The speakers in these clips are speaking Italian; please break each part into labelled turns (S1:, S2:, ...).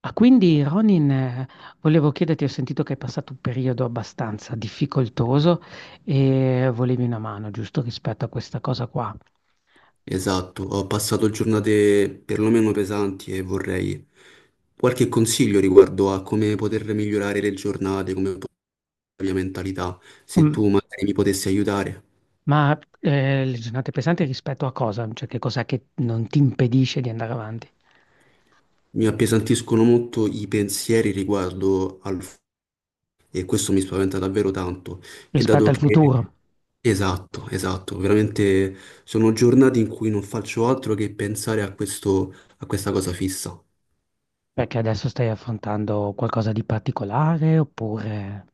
S1: Ah, quindi Ronin, volevo chiederti, ho sentito che hai passato un periodo abbastanza difficoltoso e volevi una mano, giusto, rispetto a questa cosa qua.
S2: Esatto, ho passato giornate perlomeno pesanti e vorrei qualche consiglio riguardo a come poter migliorare le giornate, la mia mentalità, se
S1: Mm,
S2: tu magari mi potessi aiutare.
S1: Ma le giornate pesanti rispetto a cosa? Cioè che cos'è che non ti impedisce di andare avanti?
S2: Mi appesantiscono molto i pensieri e questo mi spaventa davvero tanto. E
S1: Rispetto
S2: dato
S1: al
S2: che
S1: futuro,
S2: esatto, veramente sono giornate in cui non faccio altro che pensare a questo, a questa cosa fissa.
S1: perché adesso stai affrontando qualcosa di particolare oppure.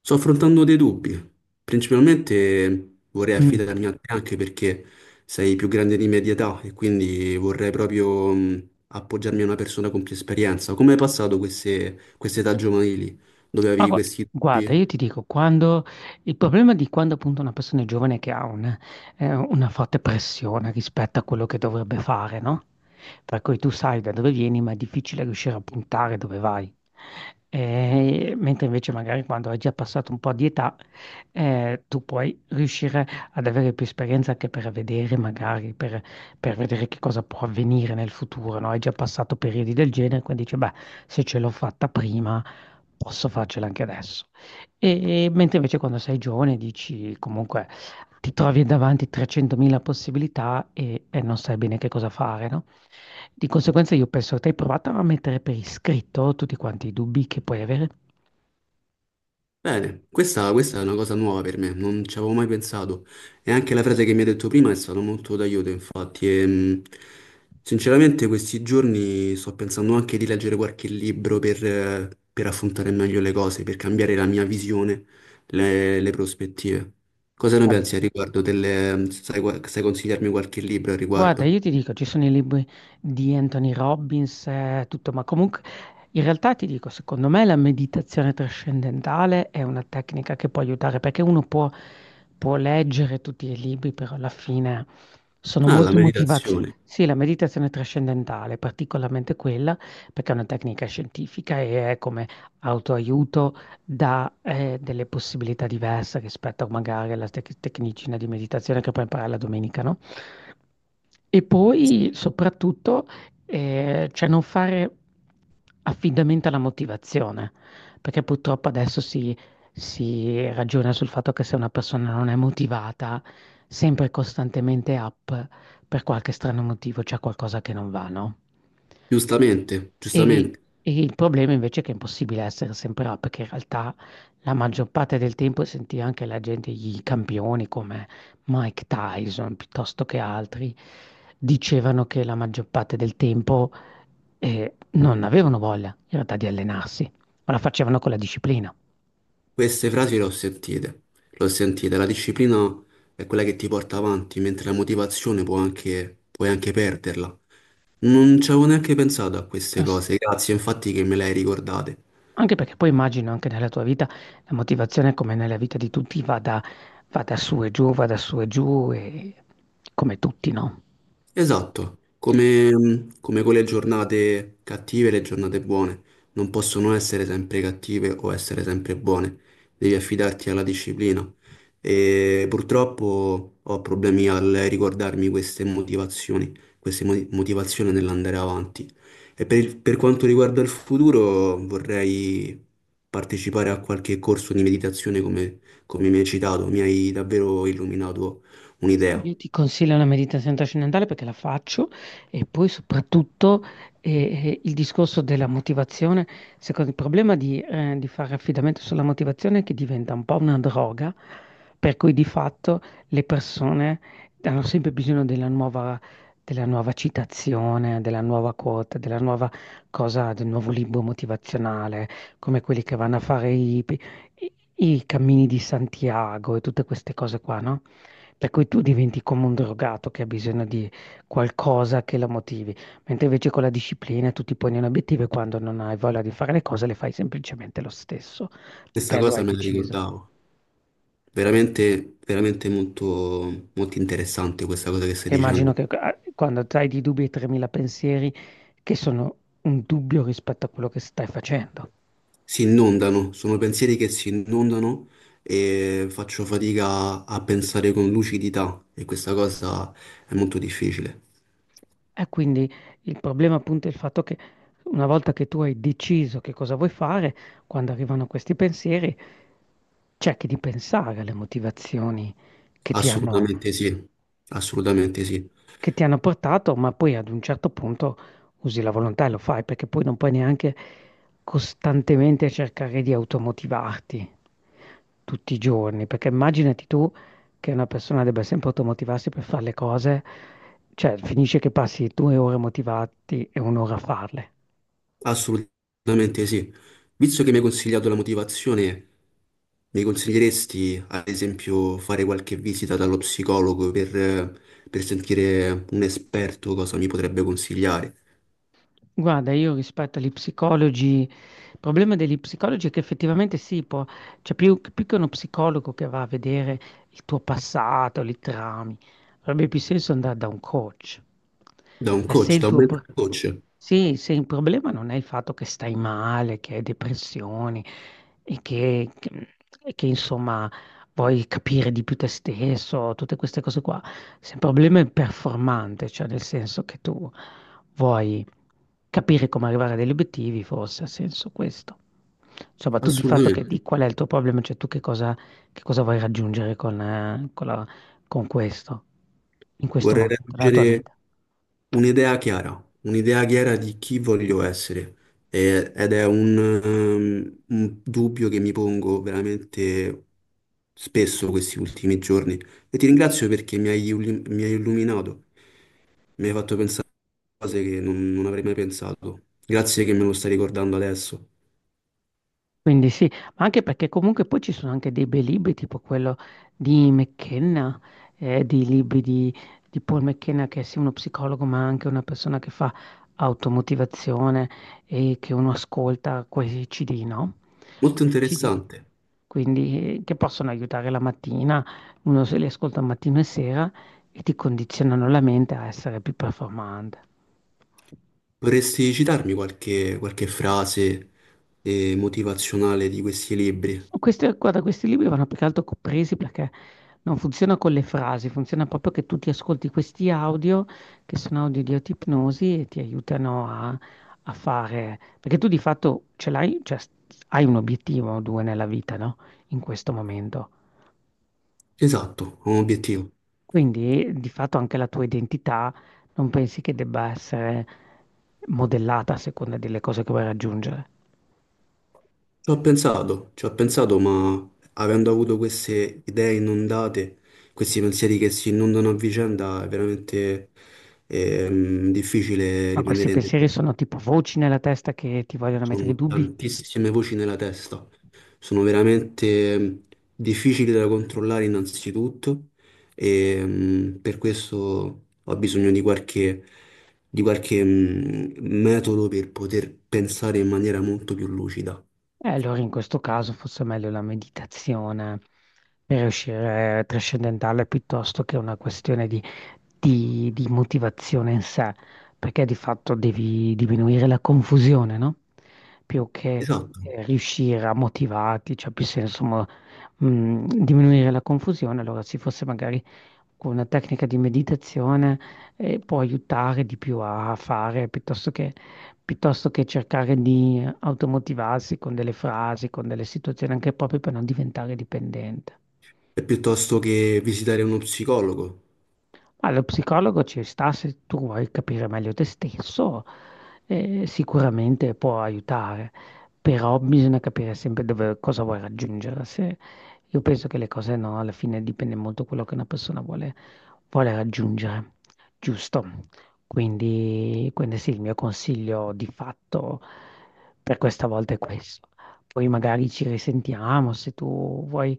S2: Sto affrontando dei dubbi. Principalmente vorrei
S1: Mm.
S2: affidarmi a te anche perché sei più grande di me di età e quindi vorrei proprio appoggiarmi a una persona con più esperienza. Come hai passato queste età giovanili dove
S1: Ma
S2: avevi
S1: gua-
S2: questi
S1: guarda,
S2: dubbi?
S1: io ti dico, quando il problema di quando appunto una persona è giovane è che ha una forte pressione rispetto a quello che dovrebbe fare, no? Per cui tu sai da dove vieni, ma è difficile riuscire a puntare dove vai. Mentre invece magari quando hai già passato un po' di età, tu puoi riuscire ad avere più esperienza anche per vedere, magari per, vedere che cosa può avvenire nel futuro, no? Hai già passato periodi del genere, quindi dici, beh, se ce l'ho fatta prima. Posso farcela anche adesso. E mentre invece quando sei giovane dici comunque ti trovi davanti 300.000 possibilità e non sai bene che cosa fare, no? Di conseguenza io penso che tu hai provato a mettere per iscritto tutti quanti i dubbi che puoi avere.
S2: Bene, questa è una cosa nuova per me, non ci avevo mai pensato. E anche la frase che mi hai detto prima è stata molto d'aiuto, infatti. Sinceramente, questi giorni sto pensando anche di leggere qualche libro per affrontare meglio le cose, per cambiare la mia visione, le prospettive. Cosa ne pensi a riguardo delle... Sai, sai consigliarmi qualche libro a
S1: Guarda,
S2: riguardo?
S1: io ti dico, ci sono i libri di Anthony Robbins, tutto, ma comunque in realtà ti dico, secondo me la meditazione trascendentale è una tecnica che può aiutare perché uno può leggere tutti i libri, però alla fine sono
S2: Ah, la
S1: molte motivazioni.
S2: meditazione,
S1: Sì, la meditazione trascendentale, particolarmente quella, perché è una tecnica scientifica e è come autoaiuto dà delle possibilità diverse rispetto magari alla tecnicina di meditazione che puoi imparare la domenica, no? E poi soprattutto, cioè non fare affidamento alla motivazione, perché purtroppo adesso si ragiona sul fatto che se una persona non è motivata, sempre e costantemente up per qualche strano motivo c'è qualcosa che non va, no?
S2: giustamente,
S1: E,
S2: giustamente.
S1: e il problema invece è che è impossibile essere sempre là, perché in realtà la maggior parte del tempo senti anche la gente, i campioni come Mike Tyson piuttosto che altri, dicevano che la maggior parte del tempo non avevano voglia in realtà di allenarsi, ma la facevano con la disciplina.
S2: Queste frasi le ho sentite, le ho sentite. La disciplina è quella che ti porta avanti, mentre la motivazione può anche, puoi anche perderla. Non ci avevo neanche pensato a queste
S1: S-
S2: cose, grazie infatti che me le hai ricordate.
S1: Anche perché poi immagino anche nella tua vita la motivazione, come nella vita di tutti, vada su e giù, vada su e giù, e. Come tutti, no?
S2: Esatto, come, come con le giornate cattive e le giornate buone, non possono essere sempre cattive o essere sempre buone, devi affidarti alla disciplina. E purtroppo ho problemi al ricordarmi queste motivazioni, motivazioni nell'andare avanti. E per quanto riguarda il futuro, vorrei partecipare a qualche corso di meditazione come, come mi hai citato, mi hai davvero illuminato un'idea.
S1: Io ti consiglio la meditazione trascendentale perché la faccio e poi soprattutto eh, il discorso della motivazione. Secondo il problema di fare affidamento sulla motivazione è che diventa un po' una droga, per cui di fatto le persone hanno sempre bisogno della nuova citazione, della nuova quote, della nuova cosa, del nuovo libro motivazionale, come quelli che vanno a fare i, i cammini di Santiago e tutte queste cose qua, no? Per cui tu diventi come un drogato che ha bisogno di qualcosa che lo motivi, mentre invece con la disciplina tu ti poni un obiettivo e quando non hai voglia di fare le cose le fai semplicemente lo stesso,
S2: Questa
S1: perché lo
S2: cosa
S1: hai
S2: me la
S1: deciso.
S2: ricordavo. Veramente, veramente molto, molto interessante questa cosa che stai
S1: Perché immagino
S2: dicendo.
S1: che quando hai di dubbi e 3.000 pensieri, che sono un dubbio rispetto a quello che stai facendo.
S2: Si inondano, sono pensieri che si inondano e faccio fatica a pensare con lucidità e questa cosa è molto difficile.
S1: E quindi il problema appunto è il fatto che una volta che tu hai deciso che cosa vuoi fare, quando arrivano questi pensieri, cerchi di pensare alle motivazioni che ti hanno
S2: Assolutamente sì, assolutamente sì,
S1: che ti hanno portato, ma poi ad un certo punto usi la volontà e lo fai, perché poi non puoi neanche costantemente cercare di automotivarti tutti i giorni, perché immaginati tu che una persona debba sempre automotivarsi per fare le cose, cioè finisce che passi due ore motivati e un'ora a farle.
S2: assolutamente sì. Visto che mi hai consigliato la motivazione, mi consiglieresti ad esempio fare qualche visita dallo psicologo per sentire un esperto cosa mi potrebbe consigliare?
S1: Guarda, io rispetto agli psicologi, il problema degli psicologi è che effettivamente sì, può, cioè più che uno psicologo che va a vedere il tuo passato, li traumi, avrebbe più senso andare da un coach.
S2: Da un
S1: Cioè, se
S2: coach,
S1: il
S2: da un
S1: tuo, pro-
S2: mental coach,
S1: sì, se il problema non è il fatto che stai male, che hai depressioni e che, insomma vuoi capire di più te stesso, tutte queste cose qua, se il problema è performante, cioè nel senso che tu vuoi capire come arrivare a degli obiettivi forse ha senso questo. Insomma, tu di fatto di
S2: assolutamente.
S1: qual è il tuo problema, cioè tu che cosa vuoi raggiungere con questo, in questo
S2: Vorrei
S1: momento, nella tua
S2: raggiungere
S1: vita?
S2: un'idea chiara di chi voglio essere ed è un dubbio che mi pongo veramente spesso questi ultimi giorni e ti ringrazio perché mi hai, mi hai illuminato, mi hai fatto pensare a cose che non, non avrei mai pensato. Grazie che me lo stai ricordando adesso.
S1: Quindi sì, ma anche perché comunque poi ci sono anche dei bei libri, tipo quello di McKenna, di libri di Paul McKenna, che è sì uno psicologo, ma anche una persona che fa automotivazione e che uno ascolta questi CD, no?
S2: Molto
S1: Questi CD,
S2: interessante.
S1: quindi che possono aiutare la mattina, uno se li ascolta mattino e sera e ti condizionano la mente a essere più performante.
S2: Vorresti citarmi qualche, qualche frase motivazionale di questi libri?
S1: Questi, guarda, questi libri vanno più che altro presi perché non funziona con le frasi, funziona proprio che tu ti ascolti questi audio, che sono audio di autoipnosi e ti aiutano a, fare, perché tu di fatto ce l'hai, cioè, hai un obiettivo o due nella vita, no? In questo momento.
S2: Esatto, ho un obiettivo.
S1: Quindi di fatto anche la tua identità non pensi che debba essere modellata a seconda delle cose che vuoi raggiungere.
S2: Ci ho pensato, ma avendo avuto queste idee inondate, questi pensieri che si inondano a vicenda, è veramente difficile
S1: Ma questi
S2: rimanere nel
S1: pensieri sono tipo voci nella testa che ti vogliono mettere i
S2: Sono
S1: dubbi?
S2: tantissime voci nella testa, sono veramente difficili da controllare innanzitutto e per questo ho bisogno di qualche metodo per poter pensare in maniera molto più lucida.
S1: E allora in questo caso forse è meglio la meditazione per uscire trascendentale piuttosto che una questione di, di motivazione in sé, perché di fatto devi diminuire la confusione, no? Più che
S2: Esatto.
S1: riuscire a motivarti, cioè più senso diminuire la confusione, allora si fosse magari con una tecnica di meditazione può aiutare di più a fare piuttosto che, cercare di automotivarsi con delle frasi, con delle situazioni, anche proprio per non diventare dipendente.
S2: E piuttosto che visitare uno psicologo.
S1: Ma lo psicologo ci sta se tu vuoi capire meglio te stesso, sicuramente può aiutare, però bisogna capire sempre dove, cosa vuoi raggiungere. Se, io penso che le cose no, alla fine dipende molto da quello che una persona vuole raggiungere, giusto? Quindi sì, il mio consiglio di fatto per questa volta è questo. Poi magari ci risentiamo se tu vuoi,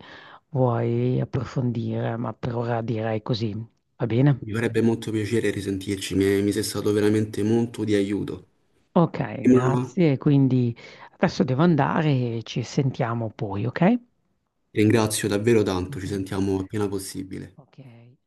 S1: vuoi approfondire, ma per ora direi così. Va bene?
S2: Mi farebbe molto piacere risentirci, mi sei stato veramente molto di aiuto.
S1: Ok,
S2: Prima,
S1: grazie. Quindi adesso devo andare e ci sentiamo poi, ok?
S2: ti ringrazio davvero tanto,
S1: Ok,
S2: ci sentiamo appena possibile.
S1: ok. Ok.